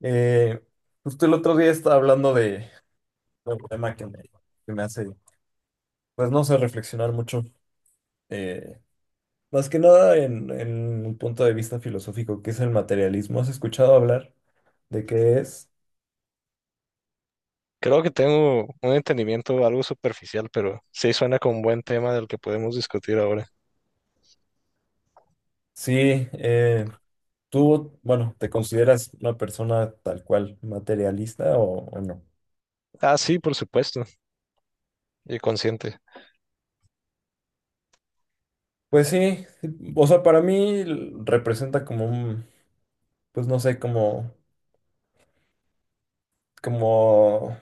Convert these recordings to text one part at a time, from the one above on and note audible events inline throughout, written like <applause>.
Eh, Justo el otro día estaba hablando de un tema que me hace, pues no sé, reflexionar mucho. eh, Más que nada en un punto de vista filosófico, que es el materialismo. ¿Has escuchado hablar de qué es? Creo que tengo un entendimiento algo superficial, pero sí suena como un buen tema del que podemos discutir ahora. Sí, tú, bueno, ¿te consideras una persona tal cual materialista o no? Ah, sí, por supuesto, y consciente. Pues sí, sí, o sea, para mí representa como un, pues no sé, como, como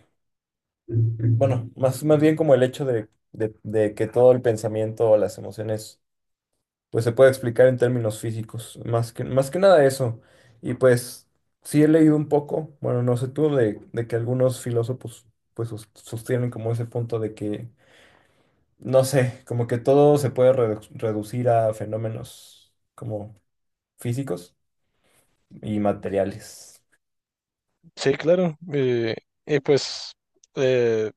bueno, más bien como el hecho de que todo el pensamiento o las emociones pues se puede explicar en términos físicos, más que nada eso. Y pues sí he leído un poco, bueno, no sé tú, de que algunos filósofos pues sostienen como ese punto de que, no sé, como que todo se puede reducir a fenómenos como físicos y materiales. Sí, claro. Y pues, eh,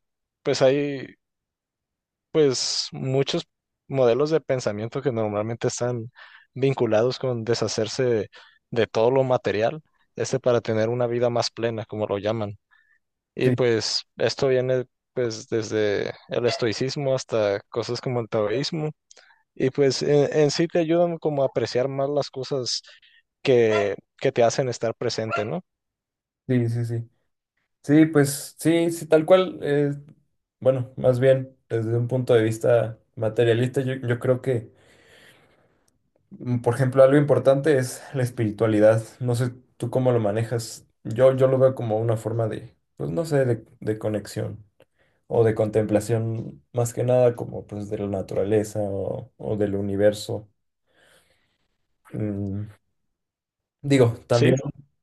pues hay, pues muchos modelos de pensamiento que normalmente están vinculados con deshacerse de todo lo material, este para tener una vida más plena, como lo llaman. Y Sí, pues esto viene pues desde el estoicismo hasta cosas como el taoísmo. Y pues en sí te ayudan como a apreciar más las cosas que te hacen estar presente, ¿no? sí, sí, sí. Sí, pues sí, sí, tal cual. Bueno, más bien desde un punto de vista materialista, yo creo que, por ejemplo, algo importante es la espiritualidad. No sé tú cómo lo manejas. Yo lo veo como una forma de, pues no sé, de conexión o de contemplación, más que nada como pues de la naturaleza o del universo. Mm, digo, Sí, también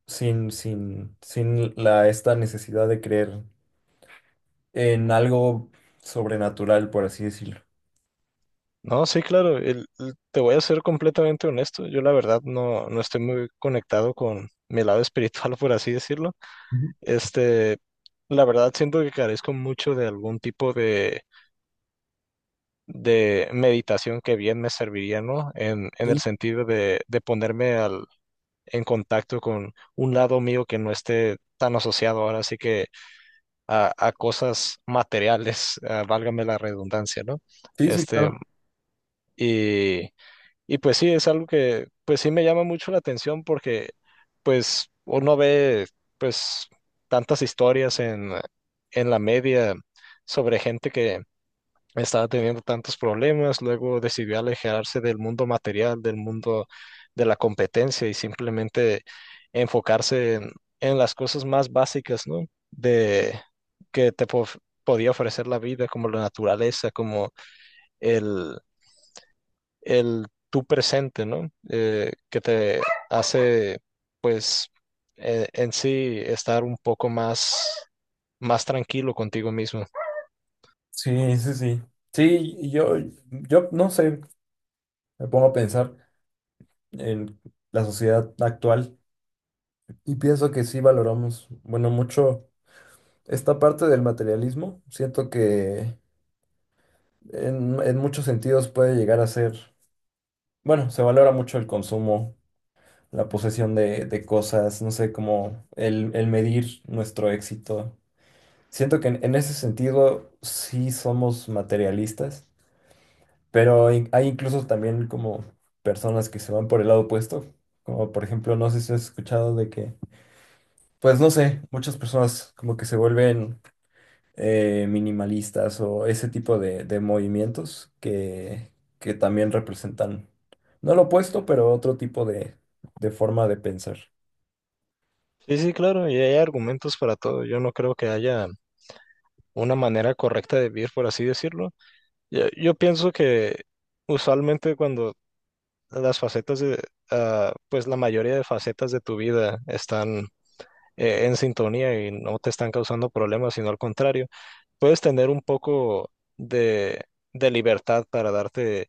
sin la, esta necesidad de creer en algo sobrenatural, por así decirlo. no, sí, claro, te voy a ser completamente honesto, yo la verdad no estoy muy conectado con mi lado <laughs> espiritual, por así decirlo. Ujú. Este, la verdad siento que carezco mucho de algún tipo de meditación que bien me serviría, ¿no? En el Sí. sentido de ponerme al, en contacto con un lado mío que no esté tan asociado ahora sí que a cosas materiales, <laughs> ah, válgame la redundancia, ¿no? Sí, sí, claro. Este, y pues sí, es algo que pues sí me llama mucho la atención porque pues uno ve pues tantas historias en la media sobre gente que estaba teniendo tantos problemas, luego decidió alejarse del mundo material, del mundo de la competencia y simplemente enfocarse en las cosas más básicas, ¿no? De que podía ofrecer la vida, como la naturaleza, como el tú presente, ¿no? Que te hace, pues, en sí estar un poco más, más tranquilo contigo mismo. Sí, sí, sí. Sí, y yo, yo no sé, me pongo a pensar en la sociedad actual y pienso que sí valoramos, bueno, mucho esta parte del materialismo. Siento que en muchos sentidos puede llegar a ser, bueno, se valora mucho el consumo, la posesión de cosas, no sé, como el medir nuestro éxito. Siento que en ese sentido sí somos materialistas, pero hay incluso también como personas que se van por el lado opuesto, como por ejemplo, no sé si has escuchado de que, pues no sé, muchas personas como que se vuelven minimalistas o ese tipo de movimientos que también representan, no lo opuesto, pero otro tipo de forma de pensar. Sí, sí, claro, y hay argumentos para todo. Yo no creo que haya una manera correcta de vivir, por así decirlo. Yo pienso que usualmente cuando las facetas de, ah, pues la mayoría de facetas de tu vida están en sintonía y no te están causando problemas, sino al contrario. Puedes tener un poco de, de libertad para darte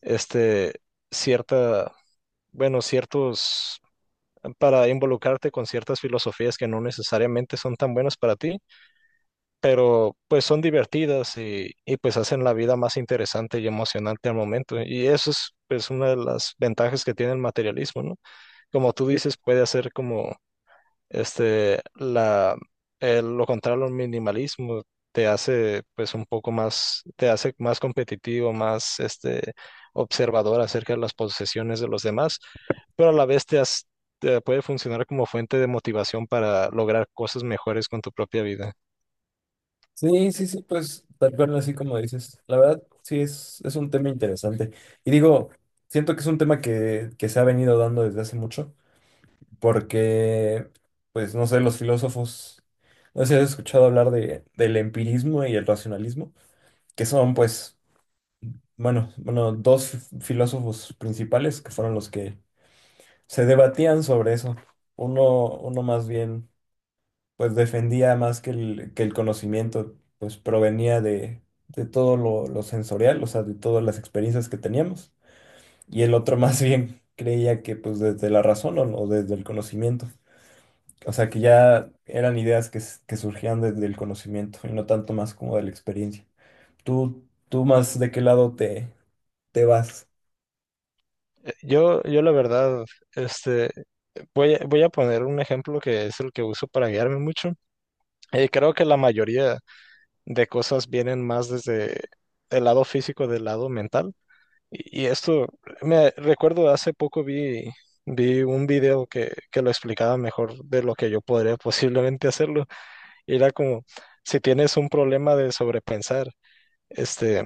este cierta, bueno, ciertos, para involucrarte con ciertas filosofías que no necesariamente son tan buenas para ti, pero pues son divertidas y pues hacen la vida más interesante y emocionante al momento. Y eso es pues una de las ventajas que tiene el materialismo, ¿no? Como tú dices, puede hacer como este, la, lo contrario al minimalismo te hace pues un poco más, te hace más competitivo, más este, observador acerca de las posesiones de los demás, pero a la vez te puede funcionar como fuente de motivación para lograr cosas mejores con tu propia vida. Sí, sí, sí, pues tal cual así como dices. La verdad, sí, es un tema interesante. Y digo, siento que es un tema que se ha venido dando desde hace mucho, porque, pues, no sé, los filósofos, no sé si has escuchado hablar de, del empirismo y el racionalismo, que son, pues, bueno, dos filósofos principales que fueron los que se debatían sobre eso. Uno, uno más bien pues defendía más que que el conocimiento, pues provenía de todo lo sensorial, o sea, de todas las experiencias que teníamos. Y el otro <laughs> más bien creía que pues desde la razón o desde el conocimiento. O sea, que ya eran ideas que, que surgían desde el conocimiento y no tanto más como de la experiencia. ¿Tú, tú más de qué lado te, te vas? Yo la verdad, este, voy a poner un ejemplo que es el que uso para guiarme mucho. Creo que la mayoría de cosas vienen más desde el lado físico del lado mental. Y esto, me recuerdo hace poco vi un video que lo explicaba mejor de lo que yo podría <laughs> posiblemente hacerlo. Y era como, si tienes un problema de sobrepensar, este,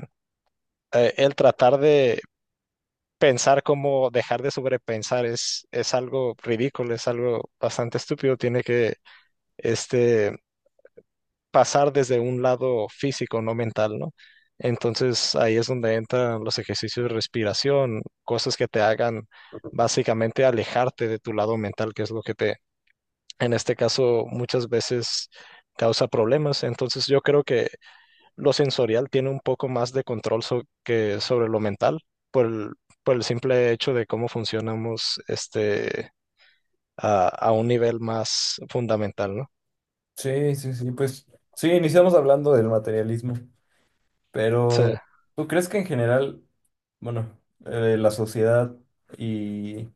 el tratar de pensar como dejar de sobrepensar es algo ridículo, es algo bastante estúpido. Tiene que, este, pasar desde un lado físico, no mental, ¿no? Entonces ahí es donde entran los ejercicios de respiración, cosas que te hagan básicamente alejarte de tu lado mental, que es lo que te, en este caso, muchas veces causa problemas. Entonces yo creo que lo sensorial tiene un poco más de control so- que sobre lo mental por el, por el simple hecho de cómo funcionamos este, a un nivel más fundamental, ¿no? Sí, sí, sí, pues sí, iniciamos hablando del materialismo. Sí, Pero, ¿tú crees que en general, bueno, la sociedad y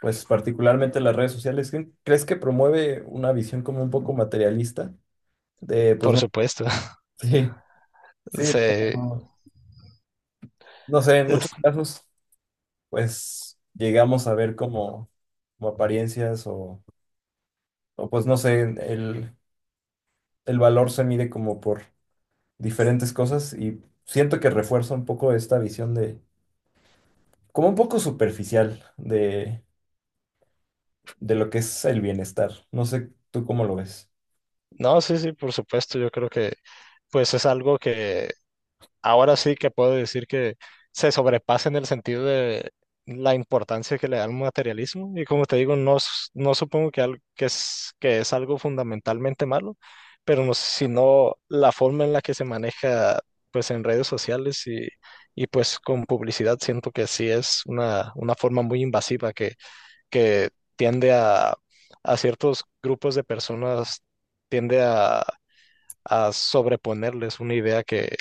pues particularmente las redes sociales, ¿ crees que promueve una visión como un poco materialista? De, pues por no, supuesto. <laughs> <laughs> sí, sí, Sí, pero, no sé, en muchos es- casos, pues llegamos a ver como, como apariencias o pues no sé, el valor se mide como por diferentes cosas y siento que refuerza un poco esta visión de, como un poco superficial de lo que es el bienestar. No sé, ¿tú cómo lo ves? No, sí, sí, por supuesto, yo creo que pues es algo que ahora sí que puedo decir que se sobrepasa en el sentido de la importancia que le da al materialismo y como te digo, no, no supongo que que es algo fundamentalmente malo, pero no, sino la forma en la que se maneja pues en redes sociales y pues con publicidad siento que sí es una forma muy invasiva que tiende a ciertos grupos de personas tiende a sobreponerles una idea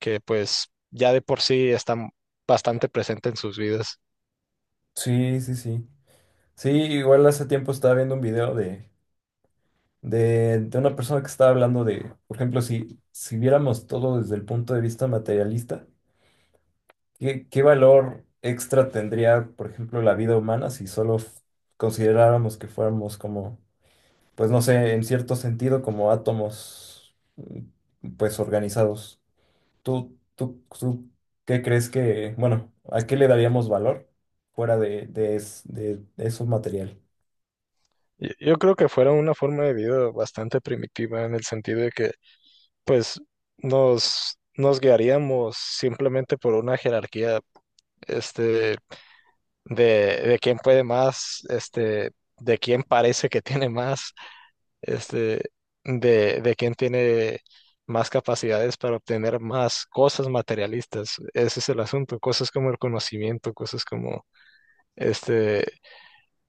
que pues ya de por sí está bastante presente en sus vidas. Sí, sí, sí. Sí, igual hace tiempo estaba viendo un video de una persona que estaba hablando de, por ejemplo, si, si viéramos todo desde el punto de vista materialista, ¿qué, qué valor extra tendría, por ejemplo, la vida humana si solo consideráramos que fuéramos como, pues no sé, en cierto sentido, como átomos, mm, pues organizados? ¿Tú, tú, tú qué crees que, bueno, a qué le daríamos valor fuera de esos materiales? Yo creo que fuera una forma de vida bastante primitiva en el sentido de que pues nos guiaríamos simplemente por una jerarquía este, de, de quién puede más, este, de quién parece que tiene más este, de quién tiene más capacidades para obtener más cosas materialistas. Ese es el asunto, cosas como el conocimiento, cosas como este,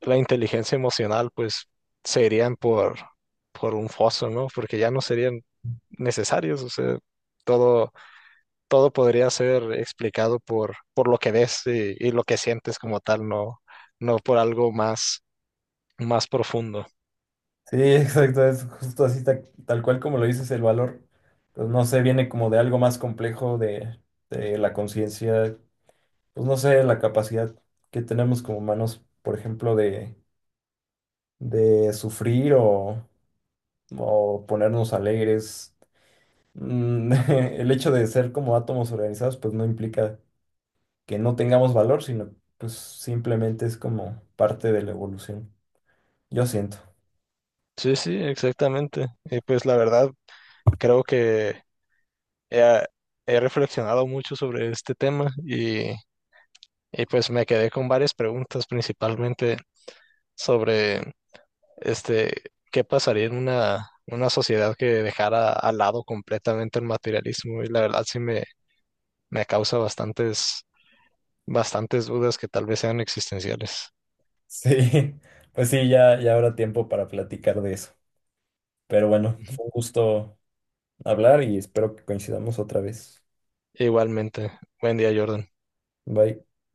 la inteligencia emocional, pues se irían por un foso, ¿no? Porque ya no serían necesarios, o sea, todo, todo podría ser explicado por lo que ves y lo que sientes como tal, no, no por algo más, más profundo. Sí, <laughs> exacto, es justo así, tal cual como lo dices, el valor, pues no sé, viene como de algo más complejo de la conciencia, pues no sé, la capacidad que tenemos como humanos, por ejemplo, de sufrir o ponernos alegres. Mm, <laughs> el hecho de ser como átomos organizados, pues no implica que no tengamos valor, sino pues simplemente es como parte de la evolución. Yo siento. Sí, sí, exactamente. Y pues la verdad, creo que he, he reflexionado mucho sobre este tema y pues me quedé con varias preguntas, principalmente sobre este, qué pasaría en una sociedad que dejara al lado completamente el materialismo y la verdad sí me causa bastantes, bastantes dudas que tal vez sean existenciales. Sí, <laughs> pues sí, ya, ya habrá tiempo para platicar de eso. Pero bueno, Ujú. fue un gusto hablar y espero que coincidamos otra vez. Igualmente, buen día, Jordan. Bye.